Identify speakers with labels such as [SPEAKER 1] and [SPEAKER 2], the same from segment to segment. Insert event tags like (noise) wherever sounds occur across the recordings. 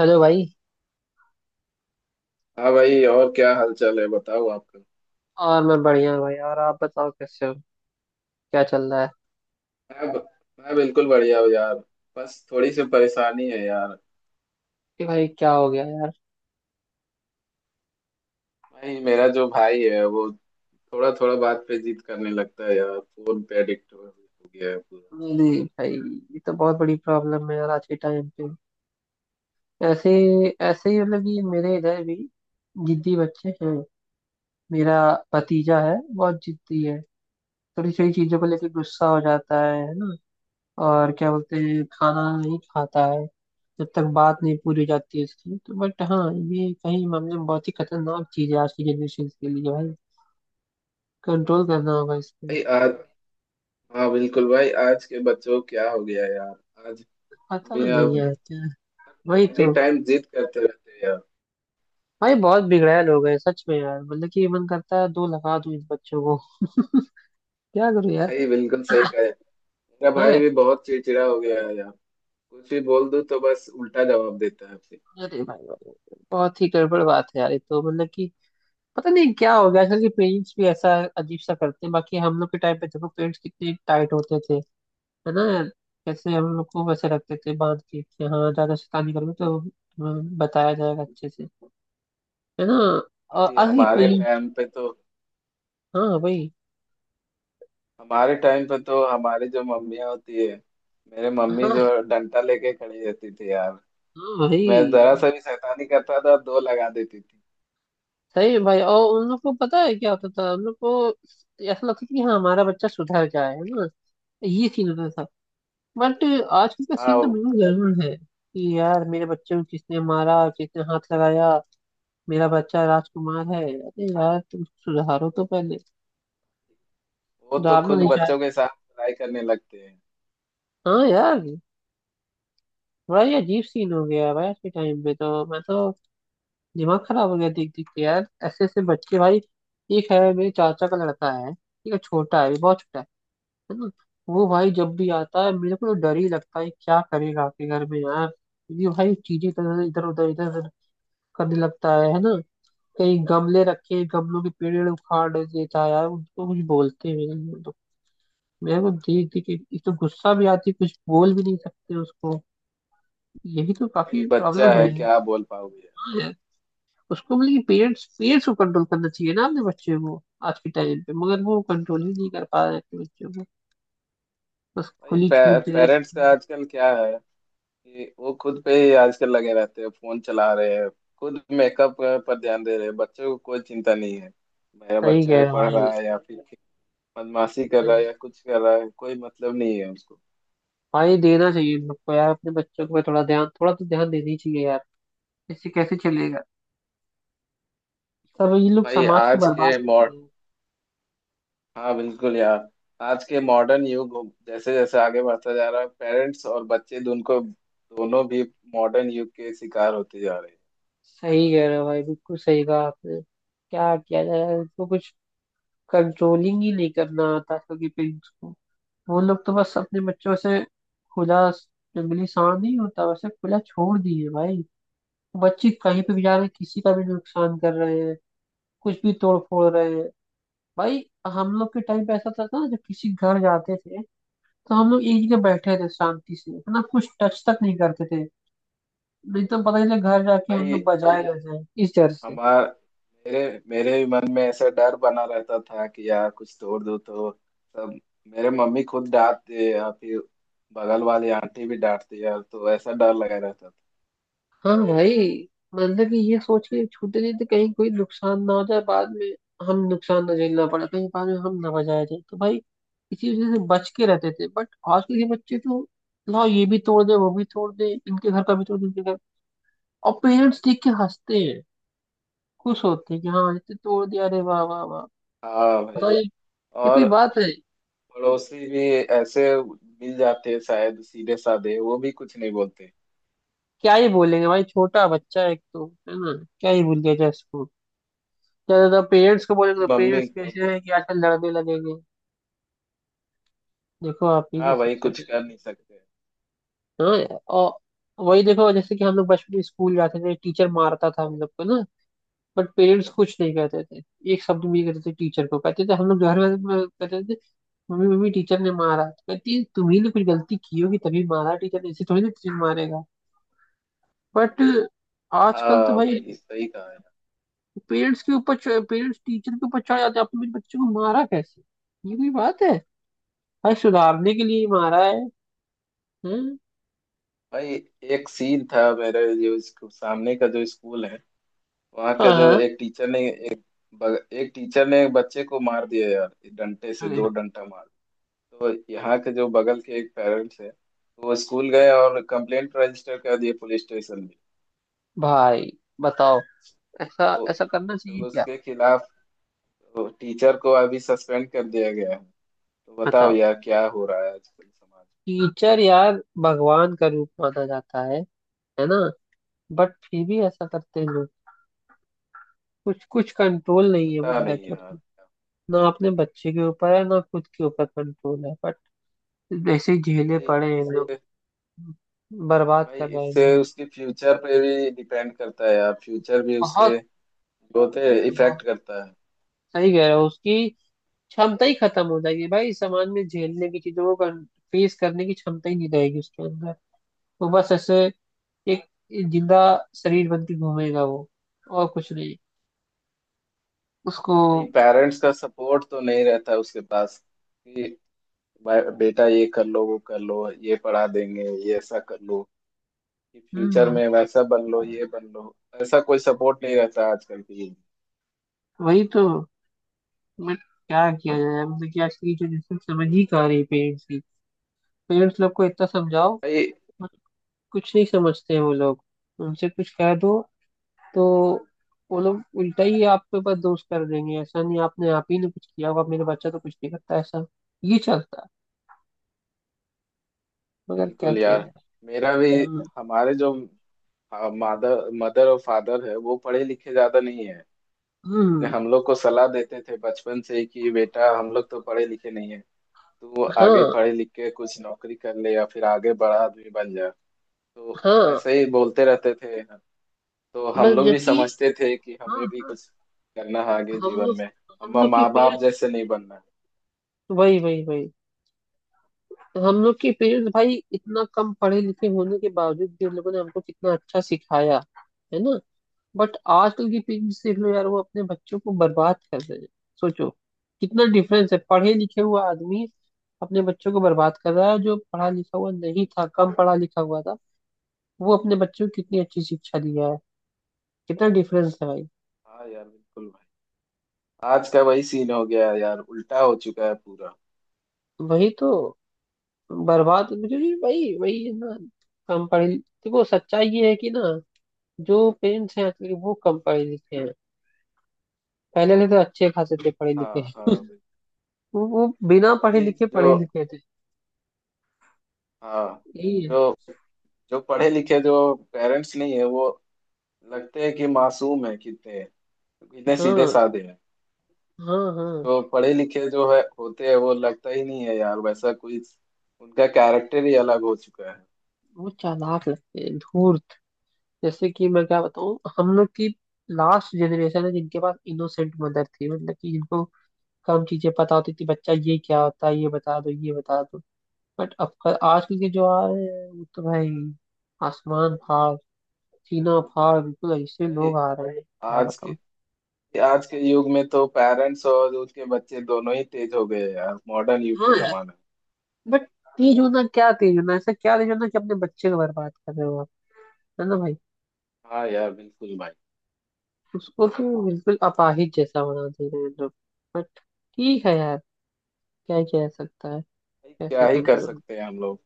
[SPEAKER 1] Hello भाई।
[SPEAKER 2] हाँ भाई। और क्या हालचाल है बताओ आपका।
[SPEAKER 1] और मैं बढ़िया हूँ भाई, और आप बताओ कैसे हो। क्या चल रहा है?
[SPEAKER 2] मैं मैं बिल्कुल बढ़िया हूँ यार। बस थोड़ी सी परेशानी है यार।
[SPEAKER 1] कि भाई क्या हो गया यार?
[SPEAKER 2] भाई मेरा जो भाई है वो थोड़ा थोड़ा बात पे जिद करने लगता है यार। फोन पे एडिक्ट हो गया है पूरा।
[SPEAKER 1] नहीं नहीं भाई, ये तो बहुत बड़ी प्रॉब्लम है यार आज के टाइम पे। ऐसे ऐसे ही मतलब कि मेरे इधर भी जिद्दी बच्चे हैं। मेरा भतीजा है, बहुत जिद्दी है। थोड़ी छोटी चीजों को लेकर गुस्सा हो जाता है ना। और क्या बोलते हैं, खाना नहीं खाता है जब तक बात नहीं पूरी हो जाती है इसकी, तो बट हाँ, ये कहीं मामले में बहुत ही खतरनाक चीज है आज की जनरेशन के लिए भाई। कंट्रोल करना होगा इस पे।
[SPEAKER 2] भाई आज हाँ बिल्कुल भाई, आज के बच्चों को क्या हो गया यार। आज
[SPEAKER 1] पता
[SPEAKER 2] बिना
[SPEAKER 1] नहीं यार क्या। वही
[SPEAKER 2] एनी
[SPEAKER 1] तो।
[SPEAKER 2] टाइम जिद करते रहते हैं यार।
[SPEAKER 1] भाई बहुत बिगड़ैल हो गए सच में यार, मतलब कि मन करता है दो लगा दूं इन बच्चों को। (laughs) क्या करूं यार।
[SPEAKER 2] भाई बिल्कुल सही कहा है। मेरा भाई
[SPEAKER 1] हाँ।
[SPEAKER 2] भी बहुत चिड़चिड़ा हो गया है यार। कुछ भी बोल दूं तो बस उल्टा जवाब देता है फिर।
[SPEAKER 1] अरे भाई भाई, बहुत ही गड़बड़ बात है यार, ये तो मतलब कि पता नहीं क्या हो गया। आजकल के पेरेंट्स भी ऐसा अजीब सा करते हैं। बाकी हम लोग के टाइम पे देखो, पेरेंट्स कितने टाइट होते थे, है ना यार। कैसे हम लोग को वैसे रखते थे बांध के कि हाँ ज्यादा शैतानी करोगे तो हमें बताया जाएगा अच्छे से, है ना। और
[SPEAKER 2] भाई
[SPEAKER 1] अभी
[SPEAKER 2] हमारे
[SPEAKER 1] पेरेंट्स।
[SPEAKER 2] टाइम पे तो
[SPEAKER 1] हाँ भाई।
[SPEAKER 2] हमारे टाइम पे तो हमारी जो मम्मियाँ होती है। मेरे मम्मी जो
[SPEAKER 1] हाँ।
[SPEAKER 2] डंडा लेके खड़ी रहती थी यार।
[SPEAKER 1] हाँ
[SPEAKER 2] कि मैं
[SPEAKER 1] भाई।
[SPEAKER 2] जरा सा भी शैतानी करता था दो लगा देती थी।
[SPEAKER 1] सही है भाई, और उन लोग को पता है क्या होता था उन लोग को, ऐसा लगता था कि हाँ, हमारा बच्चा सुधर जाए, है ना। ये सीन होता था। बट आजकल का सीन तो
[SPEAKER 2] हाँ,
[SPEAKER 1] बिल्कुल गड़बड़ है कि यार मेरे बच्चे को किसने मारा, किसने हाथ लगाया, मेरा बच्चा राजकुमार है। अरे यार तुम सुधारो तो पहले।
[SPEAKER 2] वो तो
[SPEAKER 1] सुधारना
[SPEAKER 2] खुद
[SPEAKER 1] नहीं चाहते।
[SPEAKER 2] बच्चों के साथ लड़ाई करने लगते हैं।
[SPEAKER 1] हाँ यार। बड़ा ये अजीब सीन हो गया है भाई आज के टाइम पे, तो मैं तो दिमाग खराब हो गया देख देख के यार, ऐसे ऐसे बच्चे भाई। एक है मेरे चाचा का लड़का है, ठीक है, छोटा है, बहुत छोटा है ना। वो भाई जब भी आता है मेरे को तो डर ही लगता है क्या करेगा आपके घर में यार, क्योंकि भाई चीजें इधर इधर उधर करने लगता है ना। कहीं गमले रखे हैं, गमलों के पेड़ वेड़ उखाड़ देता है यार, उनको कुछ बोलते भी नहीं है तो मेरे को देख देख के एक तो गुस्सा भी आती है, कुछ बोल भी नहीं सकते उसको। यही तो
[SPEAKER 2] भाई
[SPEAKER 1] काफी
[SPEAKER 2] बच्चा
[SPEAKER 1] प्रॉब्लम है,
[SPEAKER 2] है
[SPEAKER 1] वही।
[SPEAKER 2] क्या बोल पाओगे यार।
[SPEAKER 1] हाँ यार, उसको मतलब कि पेरेंट्स पेरेंट्स को कंट्रोल करना चाहिए ना अपने बच्चे को आज के टाइम पे, मगर वो कंट्रोल ही नहीं कर पा रहे अपने बच्चे को। बस
[SPEAKER 2] भाई
[SPEAKER 1] खुली
[SPEAKER 2] पे,
[SPEAKER 1] छूट दे
[SPEAKER 2] पेरेंट्स
[SPEAKER 1] रखी है।
[SPEAKER 2] का आजकल क्या है कि वो खुद पे ही आजकल लगे रहते हैं। फोन चला रहे हैं, खुद मेकअप पर ध्यान दे रहे हैं। बच्चों को कोई चिंता नहीं है। मेरा
[SPEAKER 1] सही कह
[SPEAKER 2] बच्चा
[SPEAKER 1] रहे हो
[SPEAKER 2] पढ़
[SPEAKER 1] भाई।
[SPEAKER 2] रहा है या फिर बदमाशी कर रहा
[SPEAKER 1] सही।
[SPEAKER 2] है या कुछ कर रहा है, कोई मतलब नहीं है उसको।
[SPEAKER 1] हाँ ये देना चाहिए इन लोग को यार, अपने बच्चों को थोड़ा ध्यान, थोड़ा तो ध्यान देना ही चाहिए यार। इससे कैसे चलेगा? सब ये लोग
[SPEAKER 2] भाई
[SPEAKER 1] समाज को
[SPEAKER 2] आज
[SPEAKER 1] बर्बाद
[SPEAKER 2] के
[SPEAKER 1] कर
[SPEAKER 2] मॉड
[SPEAKER 1] रहे हैं।
[SPEAKER 2] हाँ बिल्कुल यार, आज के मॉडर्न युग जैसे जैसे आगे बढ़ता जा रहा है, पेरेंट्स और बच्चे दोनों भी मॉडर्न युग के शिकार होते जा रहे हैं।
[SPEAKER 1] सही कह रहे हो भाई, बिल्कुल सही कहा आपने। क्या किया जाए इनको कुछ, कंट्रोलिंग ही नहीं करना आता आजकल के पेरेंट्स को। वो लोग तो बस अपने बच्चों से खुला, जंगली सांड नहीं होता वैसे, खुला छोड़ दिए भाई। बच्चे कहीं पे भी जा रहे हैं, किसी का भी नुकसान कर रहे हैं, कुछ भी तोड़ फोड़ रहे हैं भाई। हम लोग के टाइम पे ऐसा था ना, जब किसी घर जाते थे तो हम लोग एक जगह बैठे थे शांति से, है ना, कुछ टच तक नहीं करते थे। नहीं तो पता चले घर जाके हम लोग
[SPEAKER 2] भाई
[SPEAKER 1] बजाए रह जाए इस डर से।
[SPEAKER 2] हमार मेरे मेरे भी मन में ऐसा डर बना रहता था कि यार कुछ तोड़ दो तो सब। मेरे मम्मी खुद डांटते या फिर बगल वाली आंटी भी डांटती यार, तो ऐसा डर लगा रहता
[SPEAKER 1] हाँ भाई। मतलब कि ये सोच के छूटे नहीं थे कहीं कोई नुकसान ना हो जाए बाद में, हम नुकसान ना झेलना पड़े कहीं बाद में, हम ना बजाए जाए, तो भाई इसी वजह से बच के रहते थे। बट आजकल के बच्चे तो, लाओ ये भी तोड़ दे, वो भी तोड़ दे, इनके घर का भी तोड़ दे इनके घर, और पेरेंट्स देख के हंसते हैं, खुश होते हैं कि हाँ इतने तोड़ दिया, अरे वाह वाह वाह।
[SPEAKER 2] था। हाँ भाई।
[SPEAKER 1] बताओ ये
[SPEAKER 2] और
[SPEAKER 1] कोई बात है?
[SPEAKER 2] पड़ोसी भी ऐसे मिल जाते हैं शायद सीधे साधे, वो भी कुछ नहीं बोलते।
[SPEAKER 1] क्या ही बोलेंगे भाई, छोटा बच्चा है एक तो, है ना, क्या ही बोल दिया जाए इसको। ज्यादा तो पेरेंट्स को बोलेंगे तो
[SPEAKER 2] मम्मी
[SPEAKER 1] पेरेंट्स
[SPEAKER 2] तुम
[SPEAKER 1] कैसे हैं कि आजकल लड़ने लगेंगे। देखो आप ही
[SPEAKER 2] हाँ
[SPEAKER 1] कैसे
[SPEAKER 2] भाई,
[SPEAKER 1] सबसे
[SPEAKER 2] कुछ
[SPEAKER 1] पहले।
[SPEAKER 2] कर नहीं सकते।
[SPEAKER 1] हाँ यार, और वही देखो जैसे कि हम लोग बचपन में स्कूल जाते थे, टीचर मारता था हम लोग को ना, बट पेरेंट्स कुछ नहीं कहते थे, एक शब्द भी नहीं कहते थे टीचर को, कहते थे, हम लोग घर में कहते थे, मम्मी मम्मी टीचर ने मारा, तो कहती है, तुम्ही ने कुछ गलती की होगी तभी मारा, टीचर ने ऐसे थोड़ी ना टीचर मारेगा। बट आजकल तो
[SPEAKER 2] हाँ
[SPEAKER 1] भाई
[SPEAKER 2] भाई सही कहा यार।
[SPEAKER 1] पेरेंट्स के ऊपर, पेरेंट्स टीचर के ऊपर चढ़ जाते हैं, आपने मेरे बच्चे को मारा कैसे? ये कोई बात है? भाई सुधारने के लिए मारा है। हैं?
[SPEAKER 2] भाई एक सीन था, मेरे जो इसको सामने का जो स्कूल है, वहाँ का
[SPEAKER 1] हाँ
[SPEAKER 2] जो
[SPEAKER 1] हाँ।
[SPEAKER 2] एक टीचर ने एक एक टीचर ने एक बच्चे को मार दिया यार, डंडे से
[SPEAKER 1] अरे
[SPEAKER 2] दो
[SPEAKER 1] हाँ।
[SPEAKER 2] डंडा मार। तो यहाँ के जो बगल के एक पेरेंट्स है, वो स्कूल गए और कंप्लेंट रजिस्टर कर दिए पुलिस स्टेशन में।
[SPEAKER 1] भाई बताओ, ऐसा
[SPEAKER 2] तो,
[SPEAKER 1] ऐसा करना
[SPEAKER 2] तो
[SPEAKER 1] चाहिए क्या?
[SPEAKER 2] उसके खिलाफ, तो टीचर को अभी सस्पेंड कर दिया गया है। तो बताओ
[SPEAKER 1] बताओ।
[SPEAKER 2] यार क्या हो रहा है आजकल समाज
[SPEAKER 1] टीचर यार भगवान का रूप माना जाता है ना, बट फिर भी ऐसा करते हैं लोग। कुछ कुछ कंट्रोल
[SPEAKER 2] में?
[SPEAKER 1] नहीं है,
[SPEAKER 2] पता
[SPEAKER 1] मतलब
[SPEAKER 2] नहीं
[SPEAKER 1] कि
[SPEAKER 2] यार।
[SPEAKER 1] ना अपने बच्चे के ऊपर, है ना, खुद के ऊपर कंट्रोल है, बट जैसे ही झेले
[SPEAKER 2] भाई
[SPEAKER 1] पड़े हैं लोग,
[SPEAKER 2] इससे-
[SPEAKER 1] बर्बाद
[SPEAKER 2] भाई
[SPEAKER 1] कर रहे हैं
[SPEAKER 2] इससे
[SPEAKER 1] जिंदगी।
[SPEAKER 2] उसके फ्यूचर पे भी डिपेंड करता है यार, फ्यूचर भी उसके जो होते हैं इफेक्ट
[SPEAKER 1] बहुत
[SPEAKER 2] करता है।
[SPEAKER 1] सही कह रहे हो, उसकी क्षमता ही खत्म हो जाएगी भाई समाज में, झेलने की चीजों को फेस करने की क्षमता ही नहीं रहेगी उसके अंदर। वो बस ऐसे एक जिंदा शरीर बन के घूमेगा वो, और कुछ नहीं उसको।
[SPEAKER 2] भाई पेरेंट्स का सपोर्ट तो नहीं रहता है उसके पास कि भाई बेटा ये कर लो, वो कर लो, ये पढ़ा देंगे, ये ऐसा कर लो कि फ्यूचर
[SPEAKER 1] हम्म।
[SPEAKER 2] में वैसा बन लो, ये बन लो। ऐसा कोई सपोर्ट नहीं रहता आजकल की युग में।
[SPEAKER 1] वही तो। मैं क्या किया जाए, अब देखिए आज की जनरेशन समझ ही कहाँ रही पेरेंट्स की। पेरेंट्स लोग को इतना समझाओ
[SPEAKER 2] भाई
[SPEAKER 1] बट कुछ नहीं समझते हैं वो लोग। उनसे कुछ कह दो तो वो लोग उल्टा ही आपके ऊपर दोष कर देंगे, ऐसा नहीं, आपने, आप ही ने कुछ किया होगा, मेरा बच्चा तो कुछ नहीं करता ऐसा। ये चलता है। मगर क्या
[SPEAKER 2] बिल्कुल
[SPEAKER 1] किया
[SPEAKER 2] यार।
[SPEAKER 1] जाए।
[SPEAKER 2] मेरा भी
[SPEAKER 1] हम्म।
[SPEAKER 2] हमारे जो मादर मदर और फादर है वो पढ़े लिखे ज्यादा नहीं है, लेकिन
[SPEAKER 1] हम्म।
[SPEAKER 2] हम लोग को सलाह देते थे बचपन से ही कि बेटा हम लोग तो पढ़े लिखे नहीं है, तू आगे
[SPEAKER 1] हाँ
[SPEAKER 2] पढ़े लिख के कुछ नौकरी कर ले या फिर आगे बड़ा आदमी बन जा। तो
[SPEAKER 1] हाँ।
[SPEAKER 2] ऐसे ही बोलते रहते थे। तो
[SPEAKER 1] बस
[SPEAKER 2] हम लोग भी
[SPEAKER 1] जबकि।
[SPEAKER 2] समझते थे कि
[SPEAKER 1] हाँ
[SPEAKER 2] हमें भी
[SPEAKER 1] हाँ।
[SPEAKER 2] कुछ करना है आगे
[SPEAKER 1] हम
[SPEAKER 2] जीवन
[SPEAKER 1] लोग,
[SPEAKER 2] में।
[SPEAKER 1] हम
[SPEAKER 2] हम
[SPEAKER 1] लोग के
[SPEAKER 2] माँ बाप
[SPEAKER 1] पेरेंट्स,
[SPEAKER 2] जैसे नहीं बनना है।
[SPEAKER 1] वही वही वही, हम लोग के पेरेंट्स भाई, इतना कम पढ़े लिखे होने के बावजूद भी उन लोगों ने हमको कितना अच्छा सिखाया, है ना। बट आजकल की पेरेंट्स देख लो यार, वो अपने बच्चों को बर्बाद कर रहे हैं। सोचो, कितना डिफरेंस है, पढ़े लिखे हुआ आदमी अपने बच्चों को बर्बाद कर रहा है, जो पढ़ा लिखा हुआ नहीं था, कम पढ़ा लिखा हुआ था, वो अपने बच्चों को कितनी अच्छी शिक्षा दिया है। कितना डिफरेंस है भाई।
[SPEAKER 2] हाँ यार बिल्कुल भाई। आज का वही सीन हो गया है यार, उल्टा हो चुका है पूरा।
[SPEAKER 1] वही तो। बर्बाद मुझे भी भाई, वही है ना, कम पढ़े। देखो सच्चाई ये है कि ना, जो पेरेंट्स हैं आजकल के, वो कम पढ़े लिखे हैं। पहले वाले तो अच्छे खासे थे पढ़े लिखे,
[SPEAKER 2] हाँ हाँ भाई।
[SPEAKER 1] वो बिना पढ़े
[SPEAKER 2] भाई,
[SPEAKER 1] लिखे
[SPEAKER 2] जो
[SPEAKER 1] पढ़े लिखे थे।
[SPEAKER 2] हाँ
[SPEAKER 1] यही है।
[SPEAKER 2] जो जो पढ़े लिखे जो पेरेंट्स नहीं है वो लगते हैं कि मासूम है कितने, इतने सीधे
[SPEAKER 1] हाँ
[SPEAKER 2] साधे हैं।
[SPEAKER 1] हाँ हाँ।
[SPEAKER 2] जो पढ़े लिखे जो है होते हैं वो लगता ही नहीं है यार वैसा कोई। उनका कैरेक्टर ही अलग हो चुका है।
[SPEAKER 1] वो चालाक लगते हैं, धूर्त। जैसे कि मैं क्या बताऊँ, हम लोग की लास्ट जनरेशन है जिनके पास इनोसेंट मदर थी, मतलब कि जिनको कम चीजें पता होती थी, बच्चा ये क्या होता है, ये बता दो, ये बता दो। बट अब आजकल के जो आ रहे हैं, वो तो भाई आसमान फाड़, सीना फाड़, बिल्कुल ऐसे
[SPEAKER 2] भाई
[SPEAKER 1] लोग आ रहे हैं, क्या
[SPEAKER 2] आज
[SPEAKER 1] बताऊँ।
[SPEAKER 2] के आज के युग में तो पेरेंट्स और उनके बच्चे दोनों ही तेज हो गए हैं यार, मॉडर्न युग के
[SPEAKER 1] हाँ।
[SPEAKER 2] जमाने में।
[SPEAKER 1] बट तेज होना क्या, तेज होना ऐसा क्या, तेज होना कि अपने बच्चे को बर्बाद कर रहे हो आप, है ना भाई।
[SPEAKER 2] हाँ यार बिल्कुल भाई।
[SPEAKER 1] उसको तो बिल्कुल अपाहिज जैसा बना दे रहे हैं लोग। बट ठीक है यार, क्या ही किया जा सकता है।
[SPEAKER 2] भाई,
[SPEAKER 1] कैसे
[SPEAKER 2] क्या ही कर
[SPEAKER 1] कंट्रोल,
[SPEAKER 2] सकते हैं हम लोग।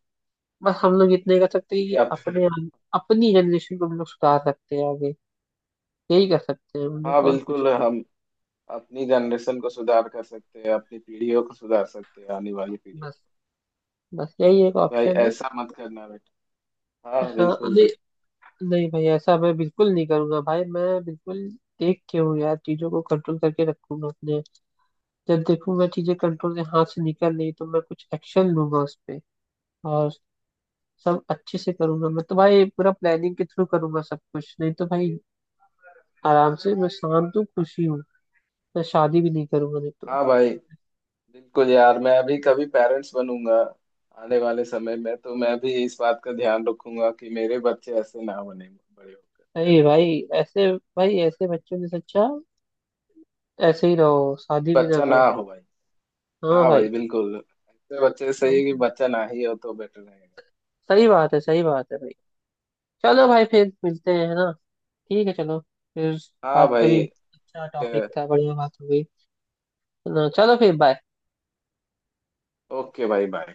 [SPEAKER 1] बस हम लोग इतने कर सकते हैं कि
[SPEAKER 2] या
[SPEAKER 1] अपने, अपनी जनरेशन को हम लोग सुधार सकते हैं आगे, यही कर सकते हैं हम लोग,
[SPEAKER 2] हाँ
[SPEAKER 1] और कुछ।
[SPEAKER 2] बिल्कुल, हम अपनी जनरेशन को सुधार कर सकते हैं, अपनी पीढ़ियों को सुधार सकते हैं, आने वाली पीढ़ियों।
[SPEAKER 1] बस, बस यही एक
[SPEAKER 2] भाई
[SPEAKER 1] ऑप्शन है।
[SPEAKER 2] ऐसा मत करना बेटा। हाँ
[SPEAKER 1] हाँ
[SPEAKER 2] बिल्कुल
[SPEAKER 1] नहीं,
[SPEAKER 2] यार।
[SPEAKER 1] नहीं भाई, ऐसा मैं बिल्कुल नहीं करूंगा भाई, मैं बिल्कुल देख के हूँ यार, चीजों को कंट्रोल करके रखूंगा अपने। जब देखूंगा चीजें कंट्रोल से हाथ से निकल रही, तो मैं कुछ एक्शन लूंगा उस पे, और सब अच्छे से करूंगा मैं तो भाई, पूरा प्लानिंग के थ्रू करूंगा सब कुछ, नहीं तो भाई आराम से मैं शांत हूँ, खुशी हूँ, मैं शादी भी नहीं करूंगा नहीं तो।
[SPEAKER 2] हाँ भाई बिल्कुल यार, मैं अभी कभी पेरेंट्स बनूंगा आने वाले समय में, तो मैं भी इस बात का ध्यान रखूंगा कि मेरे बच्चे ऐसे ना बने बड़े होकर।
[SPEAKER 1] अरे भाई, ऐसे भाई ऐसे बच्चों ने सच्चा, ऐसे ही रहो,
[SPEAKER 2] कि
[SPEAKER 1] शादी भी ना
[SPEAKER 2] बच्चा ना
[SPEAKER 1] करो।
[SPEAKER 2] हो भाई।
[SPEAKER 1] हाँ
[SPEAKER 2] हाँ भाई
[SPEAKER 1] भाई।
[SPEAKER 2] बिल्कुल, ऐसे बच्चे सही
[SPEAKER 1] भाई
[SPEAKER 2] है कि बच्चा ना ही हो तो बेटर रहेगा।
[SPEAKER 1] सही बात है, सही बात है भाई। चलो भाई, फिर मिलते हैं, है ना। ठीक है, चलो फिर,
[SPEAKER 2] हाँ
[SPEAKER 1] बात करी,
[SPEAKER 2] भाई
[SPEAKER 1] अच्छा
[SPEAKER 2] ठीक है।
[SPEAKER 1] टॉपिक था, बढ़िया बात हो गई, है ना। चलो, फिर बाय।
[SPEAKER 2] ओके भाई बाय।